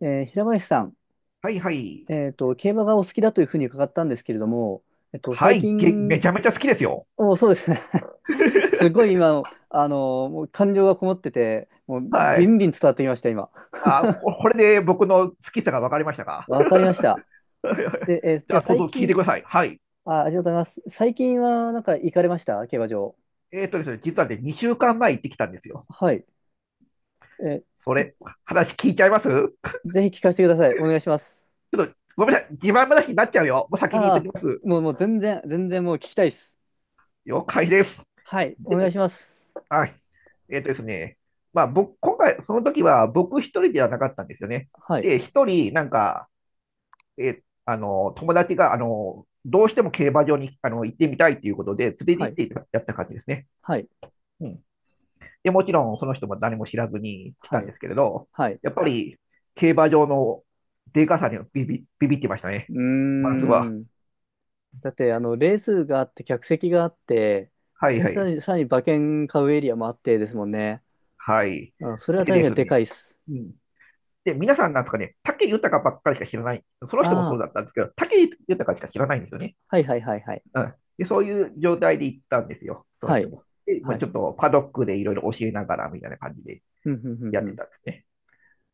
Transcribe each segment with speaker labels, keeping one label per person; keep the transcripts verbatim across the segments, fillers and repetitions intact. Speaker 1: えー平林さん、
Speaker 2: はいはい。
Speaker 1: えっと、競馬がお好きだというふうに伺ったんですけれども、えっと、
Speaker 2: は
Speaker 1: 最
Speaker 2: い、げ、め
Speaker 1: 近、
Speaker 2: ちゃめちゃ好きですよ。
Speaker 1: お、そうですね。すごい 今、あの、もう感情がこもってて、もう
Speaker 2: は
Speaker 1: ビ
Speaker 2: い。
Speaker 1: ンビン伝わってきました、今。
Speaker 2: あ、ここれで僕の好きさが分かりましたか？
Speaker 1: わかりました。で、えー
Speaker 2: じ
Speaker 1: じゃ
Speaker 2: ゃ
Speaker 1: あ
Speaker 2: あ、どう
Speaker 1: 最
Speaker 2: ぞ聞い
Speaker 1: 近、
Speaker 2: てください。はい。
Speaker 1: あ、ありがとうございます。最近はなんか行かれました競馬場。
Speaker 2: えーとですね、実はね、にしゅうかんまえ行ってきたんですよ。
Speaker 1: はい。え
Speaker 2: それ、話聞いちゃいますち
Speaker 1: ーぜひ聞かせてください。お願いします。
Speaker 2: ょっと、ごめんなさい。自慢話になっちゃうよ。もう先に言っ
Speaker 1: あ
Speaker 2: とき
Speaker 1: あ、
Speaker 2: ます。
Speaker 1: もう、もう全然、全然もう聞きたいです。
Speaker 2: 了解です。
Speaker 1: はい。お
Speaker 2: で
Speaker 1: 願い
Speaker 2: ね、
Speaker 1: します。
Speaker 2: はい。えーとですね、まあ、僕、今回、その時は僕一人ではなかったんですよね。
Speaker 1: はい。
Speaker 2: で、一人、なんか、えあの、友達が、あの、どうしても競馬場にあの行ってみたいということで、連
Speaker 1: は
Speaker 2: れ
Speaker 1: い。
Speaker 2: て行ってやった感じですね。
Speaker 1: はい。
Speaker 2: うん。で、もちろんその人も何も知らずに来
Speaker 1: は
Speaker 2: たん
Speaker 1: い。
Speaker 2: ですけれど、
Speaker 1: はい。
Speaker 2: やっぱり競馬場のでかさにはビビ、ビビってました
Speaker 1: う
Speaker 2: ね、
Speaker 1: ー
Speaker 2: まずは。
Speaker 1: ん。だって、あの、レースがあって、客席があって、
Speaker 2: はい
Speaker 1: で、
Speaker 2: は
Speaker 1: さ
Speaker 2: い。
Speaker 1: らに、さらに馬券買うエリアもあってですもんね。
Speaker 2: はい。
Speaker 1: うん、それは
Speaker 2: で
Speaker 1: 確
Speaker 2: で
Speaker 1: かに
Speaker 2: す
Speaker 1: で
Speaker 2: ね。
Speaker 1: かいっす。
Speaker 2: うん。で、皆さんなんですかね、武豊ばっかりしか知らない。その人も
Speaker 1: あ
Speaker 2: そう
Speaker 1: あ、
Speaker 2: だったんですけど、武豊しか知らないんですよね。
Speaker 1: はいはいはいはい。
Speaker 2: うんで、そういう状態で行ったんですよ、その
Speaker 1: は
Speaker 2: 人
Speaker 1: い。
Speaker 2: も。で、ま
Speaker 1: は
Speaker 2: あ、ち
Speaker 1: い。
Speaker 2: ょっとパドックでいろいろ教えながらみたいな感じで
Speaker 1: うん、うん、う
Speaker 2: や
Speaker 1: ん、
Speaker 2: っ
Speaker 1: う
Speaker 2: て
Speaker 1: ん。
Speaker 2: たんですね。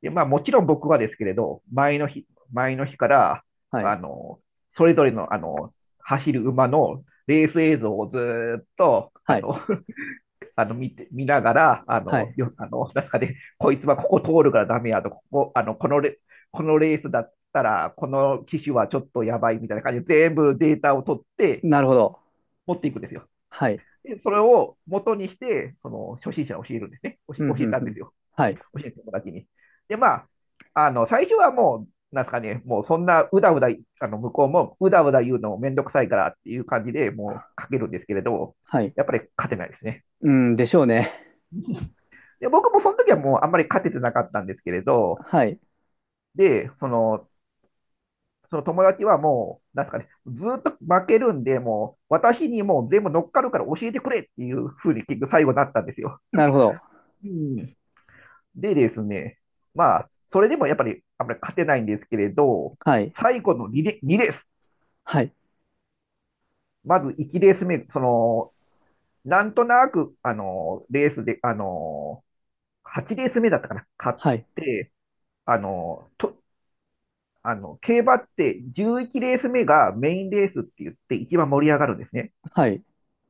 Speaker 2: で、まあもちろん僕はですけれど、前の日、前の日から、
Speaker 1: はい。
Speaker 2: あの、それぞれの、あの、走る馬のレース映像をずっと、あ
Speaker 1: はい。
Speaker 2: の、あの見て、見ながら、あ
Speaker 1: は
Speaker 2: の、
Speaker 1: い。
Speaker 2: よ、あの中で、なんかねこいつはここ通るからダメやと、ここ、あの、このレ、このレースだったら、この騎手はちょっとやばいみたいな感じで、全部データを取って
Speaker 1: なるほど。
Speaker 2: 持っていくんですよ。
Speaker 1: はい。
Speaker 2: でそれを元にして、その初心者を教えるんですね。教え
Speaker 1: うん、う
Speaker 2: 教え
Speaker 1: ん、
Speaker 2: たん
Speaker 1: う
Speaker 2: で
Speaker 1: ん。
Speaker 2: すよ、
Speaker 1: はい。
Speaker 2: 教えた友達に。で、まあ、あの、最初はもう、なんですかね、もうそんなうだうだ、あの、向こうもうだうだ言うのめんどくさいからっていう感じでもうかけるんですけれど、
Speaker 1: はい。
Speaker 2: やっぱり勝てないですね。
Speaker 1: うん、でしょうね。
Speaker 2: で、僕もその時はもうあんまり勝ててなかったんですけれど、
Speaker 1: はい。
Speaker 2: で、その、その友達はもう、なんですかね、ずっと負けるんで、もう、私にもう全部乗っかるから教えてくれっていうふうに結局最後になったんですよ。
Speaker 1: なるほど。
Speaker 2: うんでですね、まあ、それでもやっぱりあんまり勝てないんですけれど、
Speaker 1: はい。
Speaker 2: 最後の2レ、にレース、
Speaker 1: はい。
Speaker 2: まずいちレース目、その、なんとなく、あの、レースで、あの、はちレース目だったかな、勝っ
Speaker 1: はい。
Speaker 2: て、あの、と、あの、競馬ってじゅういちレース目がメインレースって言って一番盛り上がるんですね。
Speaker 1: はい。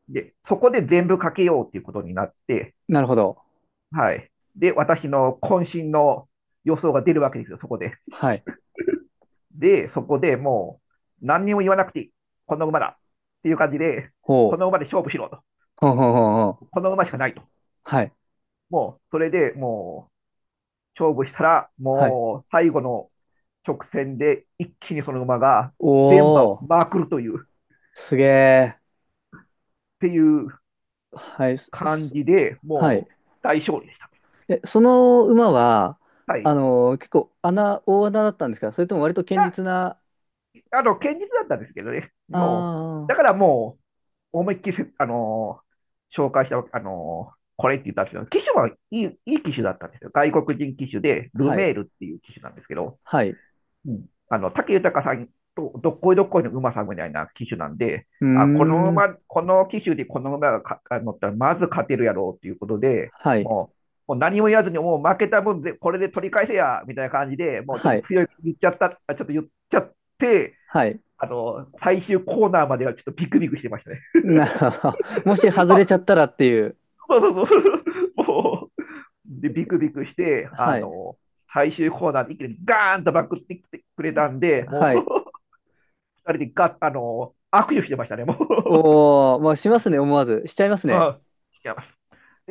Speaker 2: で、そこで全部かけようっていうことになって、
Speaker 1: なるほど。
Speaker 2: はい。で、私の渾身の予想が出るわけですよ、そこで。
Speaker 1: はい。
Speaker 2: で、そこでもう、何にも言わなくていい。この馬だ、っていう感じで、こ
Speaker 1: ほ
Speaker 2: の
Speaker 1: う。
Speaker 2: 馬で勝負しろと。
Speaker 1: ほうほうほうほう。
Speaker 2: この馬しかないと。
Speaker 1: はい。
Speaker 2: もう、それでもう、勝負したら、
Speaker 1: はい。
Speaker 2: もう、最後の直線で一気にその馬が全馬
Speaker 1: お
Speaker 2: を
Speaker 1: ー。
Speaker 2: まくるという、っ
Speaker 1: すげ
Speaker 2: ていう
Speaker 1: ー。はい。す
Speaker 2: 感
Speaker 1: す
Speaker 2: じで、
Speaker 1: はい。
Speaker 2: もう、大勝利でした。
Speaker 1: え、その馬は、
Speaker 2: は
Speaker 1: あ
Speaker 2: い。
Speaker 1: のー結構穴、大穴だったんですか？それとも割と
Speaker 2: い
Speaker 1: 堅
Speaker 2: や、
Speaker 1: 実な、
Speaker 2: あの、堅実だったんですけどね。
Speaker 1: あ
Speaker 2: もう、だか
Speaker 1: あ、
Speaker 2: らもう、思いっきりせ、あのー紹介した、あのーこれって言ったんですけど、機種はいい、いい機種だったんですよ。外国人機種で、ル
Speaker 1: はい、
Speaker 2: メールっていう機種なんですけど、
Speaker 1: はい。う
Speaker 2: うん、あの、武豊さんとどっこいどっこいの馬さんみたいな機種なんで、
Speaker 1: ー
Speaker 2: あ、この
Speaker 1: ん、
Speaker 2: 馬、この機種でこの馬がかあ乗ったら、まず勝てるやろうっていうことで、
Speaker 1: はい、
Speaker 2: もう、もう何も言わずに、もう負けた分でこれで取り返せや、みたいな感じで、もうちょっ
Speaker 1: は
Speaker 2: と
Speaker 1: い、
Speaker 2: 強い言っちゃった、あちょっと言っちゃって、
Speaker 1: はい。
Speaker 2: あの、最終コーナーまではちょっとビクビクしてましたね。
Speaker 1: なるほど。もし 外
Speaker 2: あ、
Speaker 1: れちゃったらっていう。
Speaker 2: そうそうそう。もう、で、ビクビクして、あ
Speaker 1: はい、
Speaker 2: の、最終コーナーで一気にガーンとバックってきてくれたんで、も
Speaker 1: はい。
Speaker 2: う、二人でガッ、あの、握手してましたね、もう。
Speaker 1: おー、まあ、しますね、思わず。しちゃいます ね。
Speaker 2: あ、してます。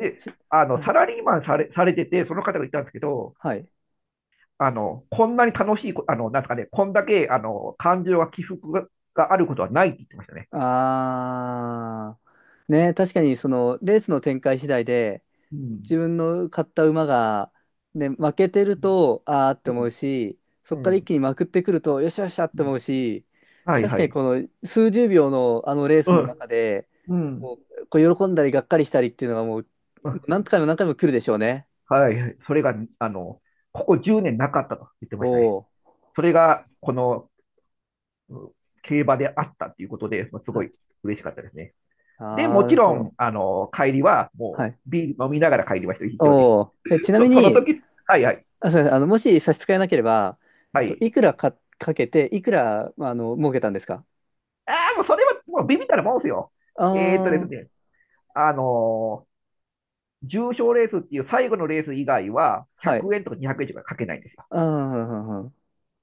Speaker 1: えち
Speaker 2: あの、
Speaker 1: はい、
Speaker 2: サラリーマンされ、されてて、その方が言ったんですけど、
Speaker 1: はい。
Speaker 2: あの、こんなに楽しいこ、あの、なんですかね、こんだけ、あの、感情が起伏が、があることはないって言ってましたね。
Speaker 1: ああ、ね、確かにその、レースの展開次第で、
Speaker 2: うん。
Speaker 1: 自分の買った馬が、ね、負けてると、あーって
Speaker 2: う
Speaker 1: 思う
Speaker 2: ん。
Speaker 1: し、そ
Speaker 2: う
Speaker 1: こから一
Speaker 2: ん。
Speaker 1: 気にまくってくると、よっしゃよっしゃっ
Speaker 2: う
Speaker 1: て
Speaker 2: ん
Speaker 1: 思うし、
Speaker 2: はい
Speaker 1: 確
Speaker 2: は
Speaker 1: かに
Speaker 2: い。
Speaker 1: この数十秒のあのレース
Speaker 2: う
Speaker 1: の
Speaker 2: ん。
Speaker 1: 中で、
Speaker 2: うん。
Speaker 1: こう、こう喜んだりがっかりしたりっていうのがもう、
Speaker 2: うん
Speaker 1: 何回も何回も来るでしょうね。
Speaker 2: はい。それが、あの、ここじゅうねんなかったと言って
Speaker 1: お
Speaker 2: ましたね。
Speaker 1: お。
Speaker 2: それが、この、うん競馬であったということで、まあす
Speaker 1: は
Speaker 2: ごい
Speaker 1: い。
Speaker 2: 嬉しかったですね。で、も
Speaker 1: なる
Speaker 2: ち
Speaker 1: ほ
Speaker 2: ろん、
Speaker 1: ど。
Speaker 2: あの、帰りは、
Speaker 1: は
Speaker 2: も
Speaker 1: い。
Speaker 2: う、ビール飲みながら帰りました、一緒に。
Speaker 1: おお。え、ちなみ
Speaker 2: そ、その
Speaker 1: に、
Speaker 2: 時、はいはい、
Speaker 1: あ、すいません。あの、もし差し支えなければ、え
Speaker 2: は
Speaker 1: っと、
Speaker 2: い。
Speaker 1: いくらか、かけて、いくら、あの、儲けたんですか？
Speaker 2: ああ、もうそれは、もうビビったらもんですよ。
Speaker 1: あ
Speaker 2: えーっとです
Speaker 1: あー、
Speaker 2: ね、あのー重賞レースっていう最後のレース以外は、
Speaker 1: はい。
Speaker 2: ひゃくえんとかにひゃくえんとかかけないんですよ。
Speaker 1: ああ、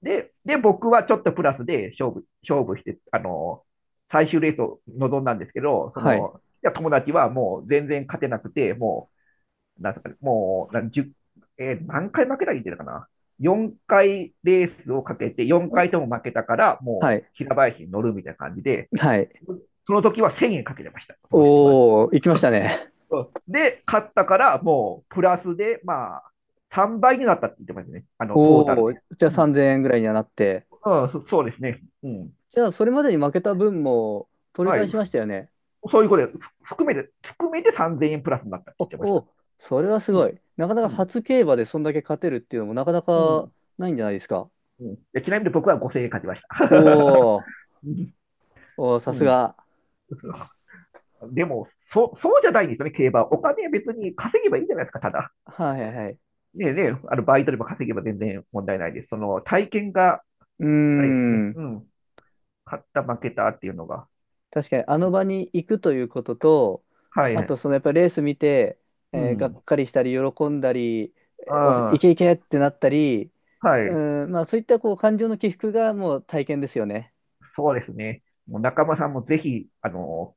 Speaker 2: で、で、僕はちょっとプラスで勝負、勝負して、あの、最終レースを臨んだんですけど、そ
Speaker 1: はい。
Speaker 2: の、いや友達はもう全然勝てなくて、もう、なんすかね、もう、なんじゅうえー何回負けたら言ってたかな。よんかいレースをかけて、よんかいとも負けたから、
Speaker 1: は
Speaker 2: もう
Speaker 1: い。
Speaker 2: 平林に乗るみたいな感じで、
Speaker 1: はい。
Speaker 2: その時はせんえんかけてました、その人は。
Speaker 1: おー、行きましたね。
Speaker 2: で、勝ったから、もうプラスで、まあ、さんばいになったって言ってましたね、あの、トータル
Speaker 1: おー、
Speaker 2: で。
Speaker 1: じゃあ
Speaker 2: うん
Speaker 1: さんぜんえんぐらいにはなって。
Speaker 2: うん、そそうですね。うん。
Speaker 1: じゃあそれまでに負けた分も取り
Speaker 2: は
Speaker 1: 返
Speaker 2: い。
Speaker 1: しましたよね。
Speaker 2: そういうことで、ふ含めて、含めてさんぜんえんプラスになったって
Speaker 1: お、
Speaker 2: 言ってました。
Speaker 1: お、それはす
Speaker 2: う
Speaker 1: ご
Speaker 2: ん。
Speaker 1: い。なかな
Speaker 2: う
Speaker 1: か
Speaker 2: ん。
Speaker 1: 初競馬でそんだけ勝てるっていうのもなかな
Speaker 2: う
Speaker 1: か
Speaker 2: ん。
Speaker 1: ないんじゃないですか？
Speaker 2: うんでちなみに僕はごせんえん勝ちました。
Speaker 1: おー、おー、さ
Speaker 2: う
Speaker 1: す
Speaker 2: んう
Speaker 1: が。
Speaker 2: んでも、そ、そうじゃないんですよね、競馬は。お金別に稼げばいいじゃないですか、ただ。
Speaker 1: はいはいはい。
Speaker 2: ねえねえ、あの、バイトでも稼げば全然問題ないです。その、体験が、
Speaker 1: うー
Speaker 2: あれですね、
Speaker 1: ん。
Speaker 2: うん、勝った、負けたっていうのが。
Speaker 1: 確かにあの場に行くということと、
Speaker 2: は
Speaker 1: あと
Speaker 2: い。
Speaker 1: そのやっぱりレース見て、
Speaker 2: う
Speaker 1: えーがっ
Speaker 2: ん。
Speaker 1: かりしたり喜んだり、えーお、い
Speaker 2: あ
Speaker 1: けいけってなったり、
Speaker 2: あ、はい。
Speaker 1: うん、まあそういったこう感情の起伏がもう体験ですよね。
Speaker 2: そうですね。もう中間さんもぜひ、あの、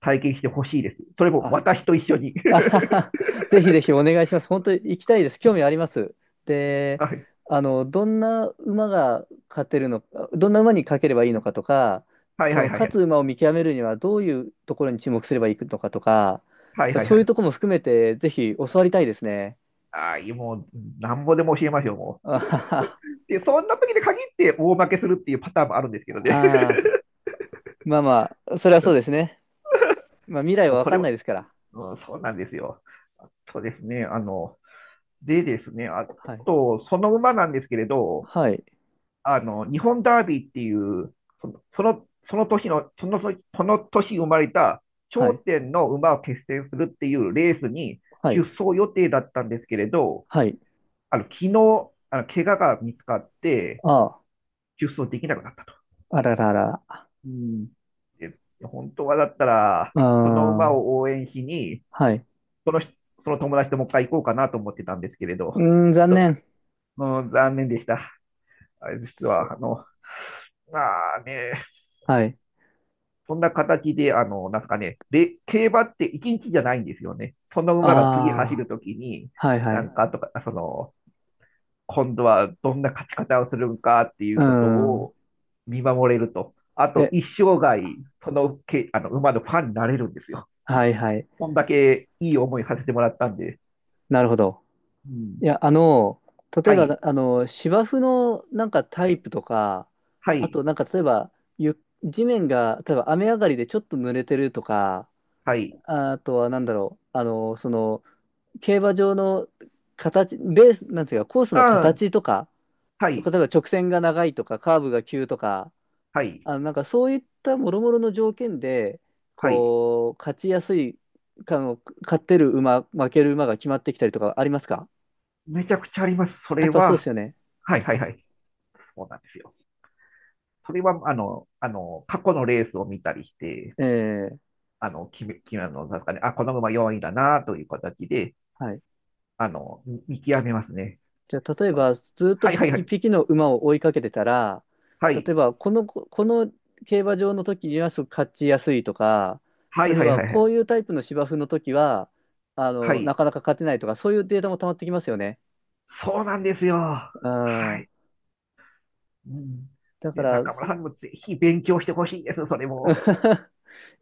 Speaker 2: 体験してほしいです。それも
Speaker 1: あ
Speaker 2: 私と一緒に。
Speaker 1: あは は。ぜひぜひお願いします。本当に行きたいです。興味あります。で、
Speaker 2: はい。
Speaker 1: あの、どんな馬が勝てるのか、どんな馬に勝ければいいのかとか、
Speaker 2: はい
Speaker 1: そ
Speaker 2: はい
Speaker 1: の
Speaker 2: はいは
Speaker 1: 勝つ
Speaker 2: い。
Speaker 1: 馬を見極めるにはどういうところに注目すればいいのかとか、や
Speaker 2: は
Speaker 1: っ
Speaker 2: い
Speaker 1: ぱ
Speaker 2: はい
Speaker 1: そ
Speaker 2: は
Speaker 1: ういう
Speaker 2: い。
Speaker 1: ところも含めてぜひ教わりたいですね。
Speaker 2: ああ、いいもう、なんぼでも教えますよ、も
Speaker 1: あ
Speaker 2: う。
Speaker 1: はは。
Speaker 2: で、そんな時に限って大負けするっていうパターンもあるんですけどね。
Speaker 1: あー、まあまあ、それはそうですね。まあ未 来
Speaker 2: も
Speaker 1: は
Speaker 2: う
Speaker 1: わ
Speaker 2: そ
Speaker 1: か
Speaker 2: れ
Speaker 1: ん
Speaker 2: は、
Speaker 1: ないですから。
Speaker 2: うん、そうなんですよ。そうですね。あの、でですね、あ
Speaker 1: はい。
Speaker 2: と、その馬なんですけれど、
Speaker 1: はい。
Speaker 2: あの、日本ダービーっていう、その、その、その年の、その、その年生まれた
Speaker 1: は
Speaker 2: 頂
Speaker 1: い。
Speaker 2: 点の馬を決戦するっていうレースに
Speaker 1: は
Speaker 2: 出
Speaker 1: い。
Speaker 2: 走予定だったんですけれど、
Speaker 1: はい。
Speaker 2: あの、昨日、あの、怪我が見つかって、
Speaker 1: ああ、
Speaker 2: 出走できなくなったと。
Speaker 1: あらららあ。
Speaker 2: うんで本当はだったら、その馬
Speaker 1: あ、
Speaker 2: を応援しに、
Speaker 1: はい。
Speaker 2: その人その友達ともう一回行こうかなと思ってたんですけれ
Speaker 1: う
Speaker 2: ど、
Speaker 1: ーん、残
Speaker 2: ちょっと
Speaker 1: 念。
Speaker 2: うん残念でした。あれ実
Speaker 1: そう。
Speaker 2: は、あの、まあね、
Speaker 1: はい。
Speaker 2: そんな形で、あの、なんすかね、で競馬っていちにちじゃないんですよね。その馬が次走
Speaker 1: あ
Speaker 2: るときに、
Speaker 1: あ、はいは
Speaker 2: な
Speaker 1: い。
Speaker 2: んかとか、その、今度はどんな勝ち方をするのかってい
Speaker 1: う
Speaker 2: うこと
Speaker 1: ん。
Speaker 2: を見守れると。あと、
Speaker 1: え、
Speaker 2: 一生涯、そのけ、あの、馬のファンになれるんですよ、
Speaker 1: はいはい。
Speaker 2: こんだけいい思いさせてもらったんで。
Speaker 1: なるほど。
Speaker 2: うん。
Speaker 1: いや、あの、例え
Speaker 2: は
Speaker 1: ば、
Speaker 2: い、
Speaker 1: あの、芝生のなんかタ
Speaker 2: は
Speaker 1: イ
Speaker 2: い、
Speaker 1: プとか、
Speaker 2: は
Speaker 1: あ
Speaker 2: い、
Speaker 1: となんか例えば、ゆ、地面が、例えば雨上がりでちょっと濡れてるとか、
Speaker 2: はい。
Speaker 1: あとはなんだろう、あの、その、競馬場の形、レース、なんていうか、コース
Speaker 2: う
Speaker 1: の
Speaker 2: ん、
Speaker 1: 形とか、
Speaker 2: は
Speaker 1: 例
Speaker 2: い、
Speaker 1: えば直線が長いとか、カーブが急とか、
Speaker 2: はい、
Speaker 1: あの、なんかそういった諸々の条件で、
Speaker 2: はい。
Speaker 1: こう、勝ちやすい、かの、勝ってる馬、負ける馬が決まってきたりとかありますか？
Speaker 2: めちゃくちゃあります。そ
Speaker 1: や
Speaker 2: れ
Speaker 1: っぱそうで
Speaker 2: は、
Speaker 1: すよね。
Speaker 2: はい、はい、はい、そうなんですよ。それは、あの、あの、過去のレースを見たりして、
Speaker 1: ええ、
Speaker 2: あの、決め、決め、あの、なんですかね、あ、この馬よんいだな、という形で、
Speaker 1: はい。
Speaker 2: あの、見見極めますね。
Speaker 1: じゃあ、例えば、ずっと
Speaker 2: はい
Speaker 1: ひ
Speaker 2: はいは
Speaker 1: 一
Speaker 2: い。
Speaker 1: 匹の馬を追いかけてたら、
Speaker 2: は
Speaker 1: 例え
Speaker 2: い。
Speaker 1: ば、この、ここの競馬場の時にはすごく勝ちやすいとか、
Speaker 2: は
Speaker 1: あ
Speaker 2: い
Speaker 1: るい
Speaker 2: はい
Speaker 1: は、
Speaker 2: はいは
Speaker 1: こ
Speaker 2: い。
Speaker 1: ういうタイプの芝生の時は、あ
Speaker 2: は
Speaker 1: の、な
Speaker 2: い。
Speaker 1: かなか勝てないとか、そういうデータも溜まってきますよね。
Speaker 2: そうなんですよ。は
Speaker 1: うん。
Speaker 2: い。うん。
Speaker 1: だか
Speaker 2: で、
Speaker 1: ら、
Speaker 2: 中村
Speaker 1: す
Speaker 2: さんにもぜひ勉強してほしいです、それも。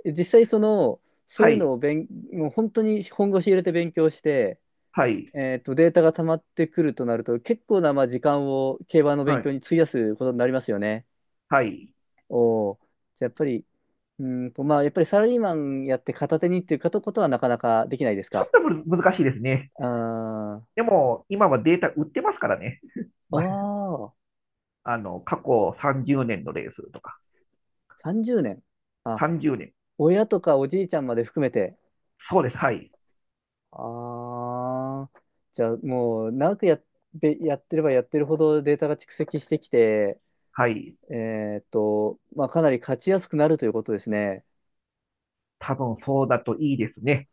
Speaker 1: 実際その、そう
Speaker 2: は
Speaker 1: いうの
Speaker 2: い。
Speaker 1: を勉、もう本当に本腰入れて勉強して、
Speaker 2: はい。
Speaker 1: えーと、データが溜まってくるとなると、結構なまあ時間を競馬の勉
Speaker 2: は
Speaker 1: 強
Speaker 2: い。
Speaker 1: に費やすことになりますよね。
Speaker 2: はい。
Speaker 1: おー、じゃあやっぱり、うーんと、まあ、やっぱりサラリーマンやって片手にっていうことはなかなかできないです
Speaker 2: ちょ
Speaker 1: か？
Speaker 2: っとむず難しいですね。
Speaker 1: あー
Speaker 2: でも、今はデータ売ってますからね。
Speaker 1: あ
Speaker 2: ま
Speaker 1: ー、
Speaker 2: あの、過去さんじゅうねんのレースとか。
Speaker 1: さんじゅうねん。あ、
Speaker 2: さんじゅうねん。
Speaker 1: 親とかおじいちゃんまで含めて。
Speaker 2: そうです。はい。
Speaker 1: ああ、じゃあもう長くやっ、べやってればやってるほどデータが蓄積してきて、
Speaker 2: はい。
Speaker 1: えーっと、まあ、かなり勝ちやすくなるということですね。
Speaker 2: 多分そうだといいですね。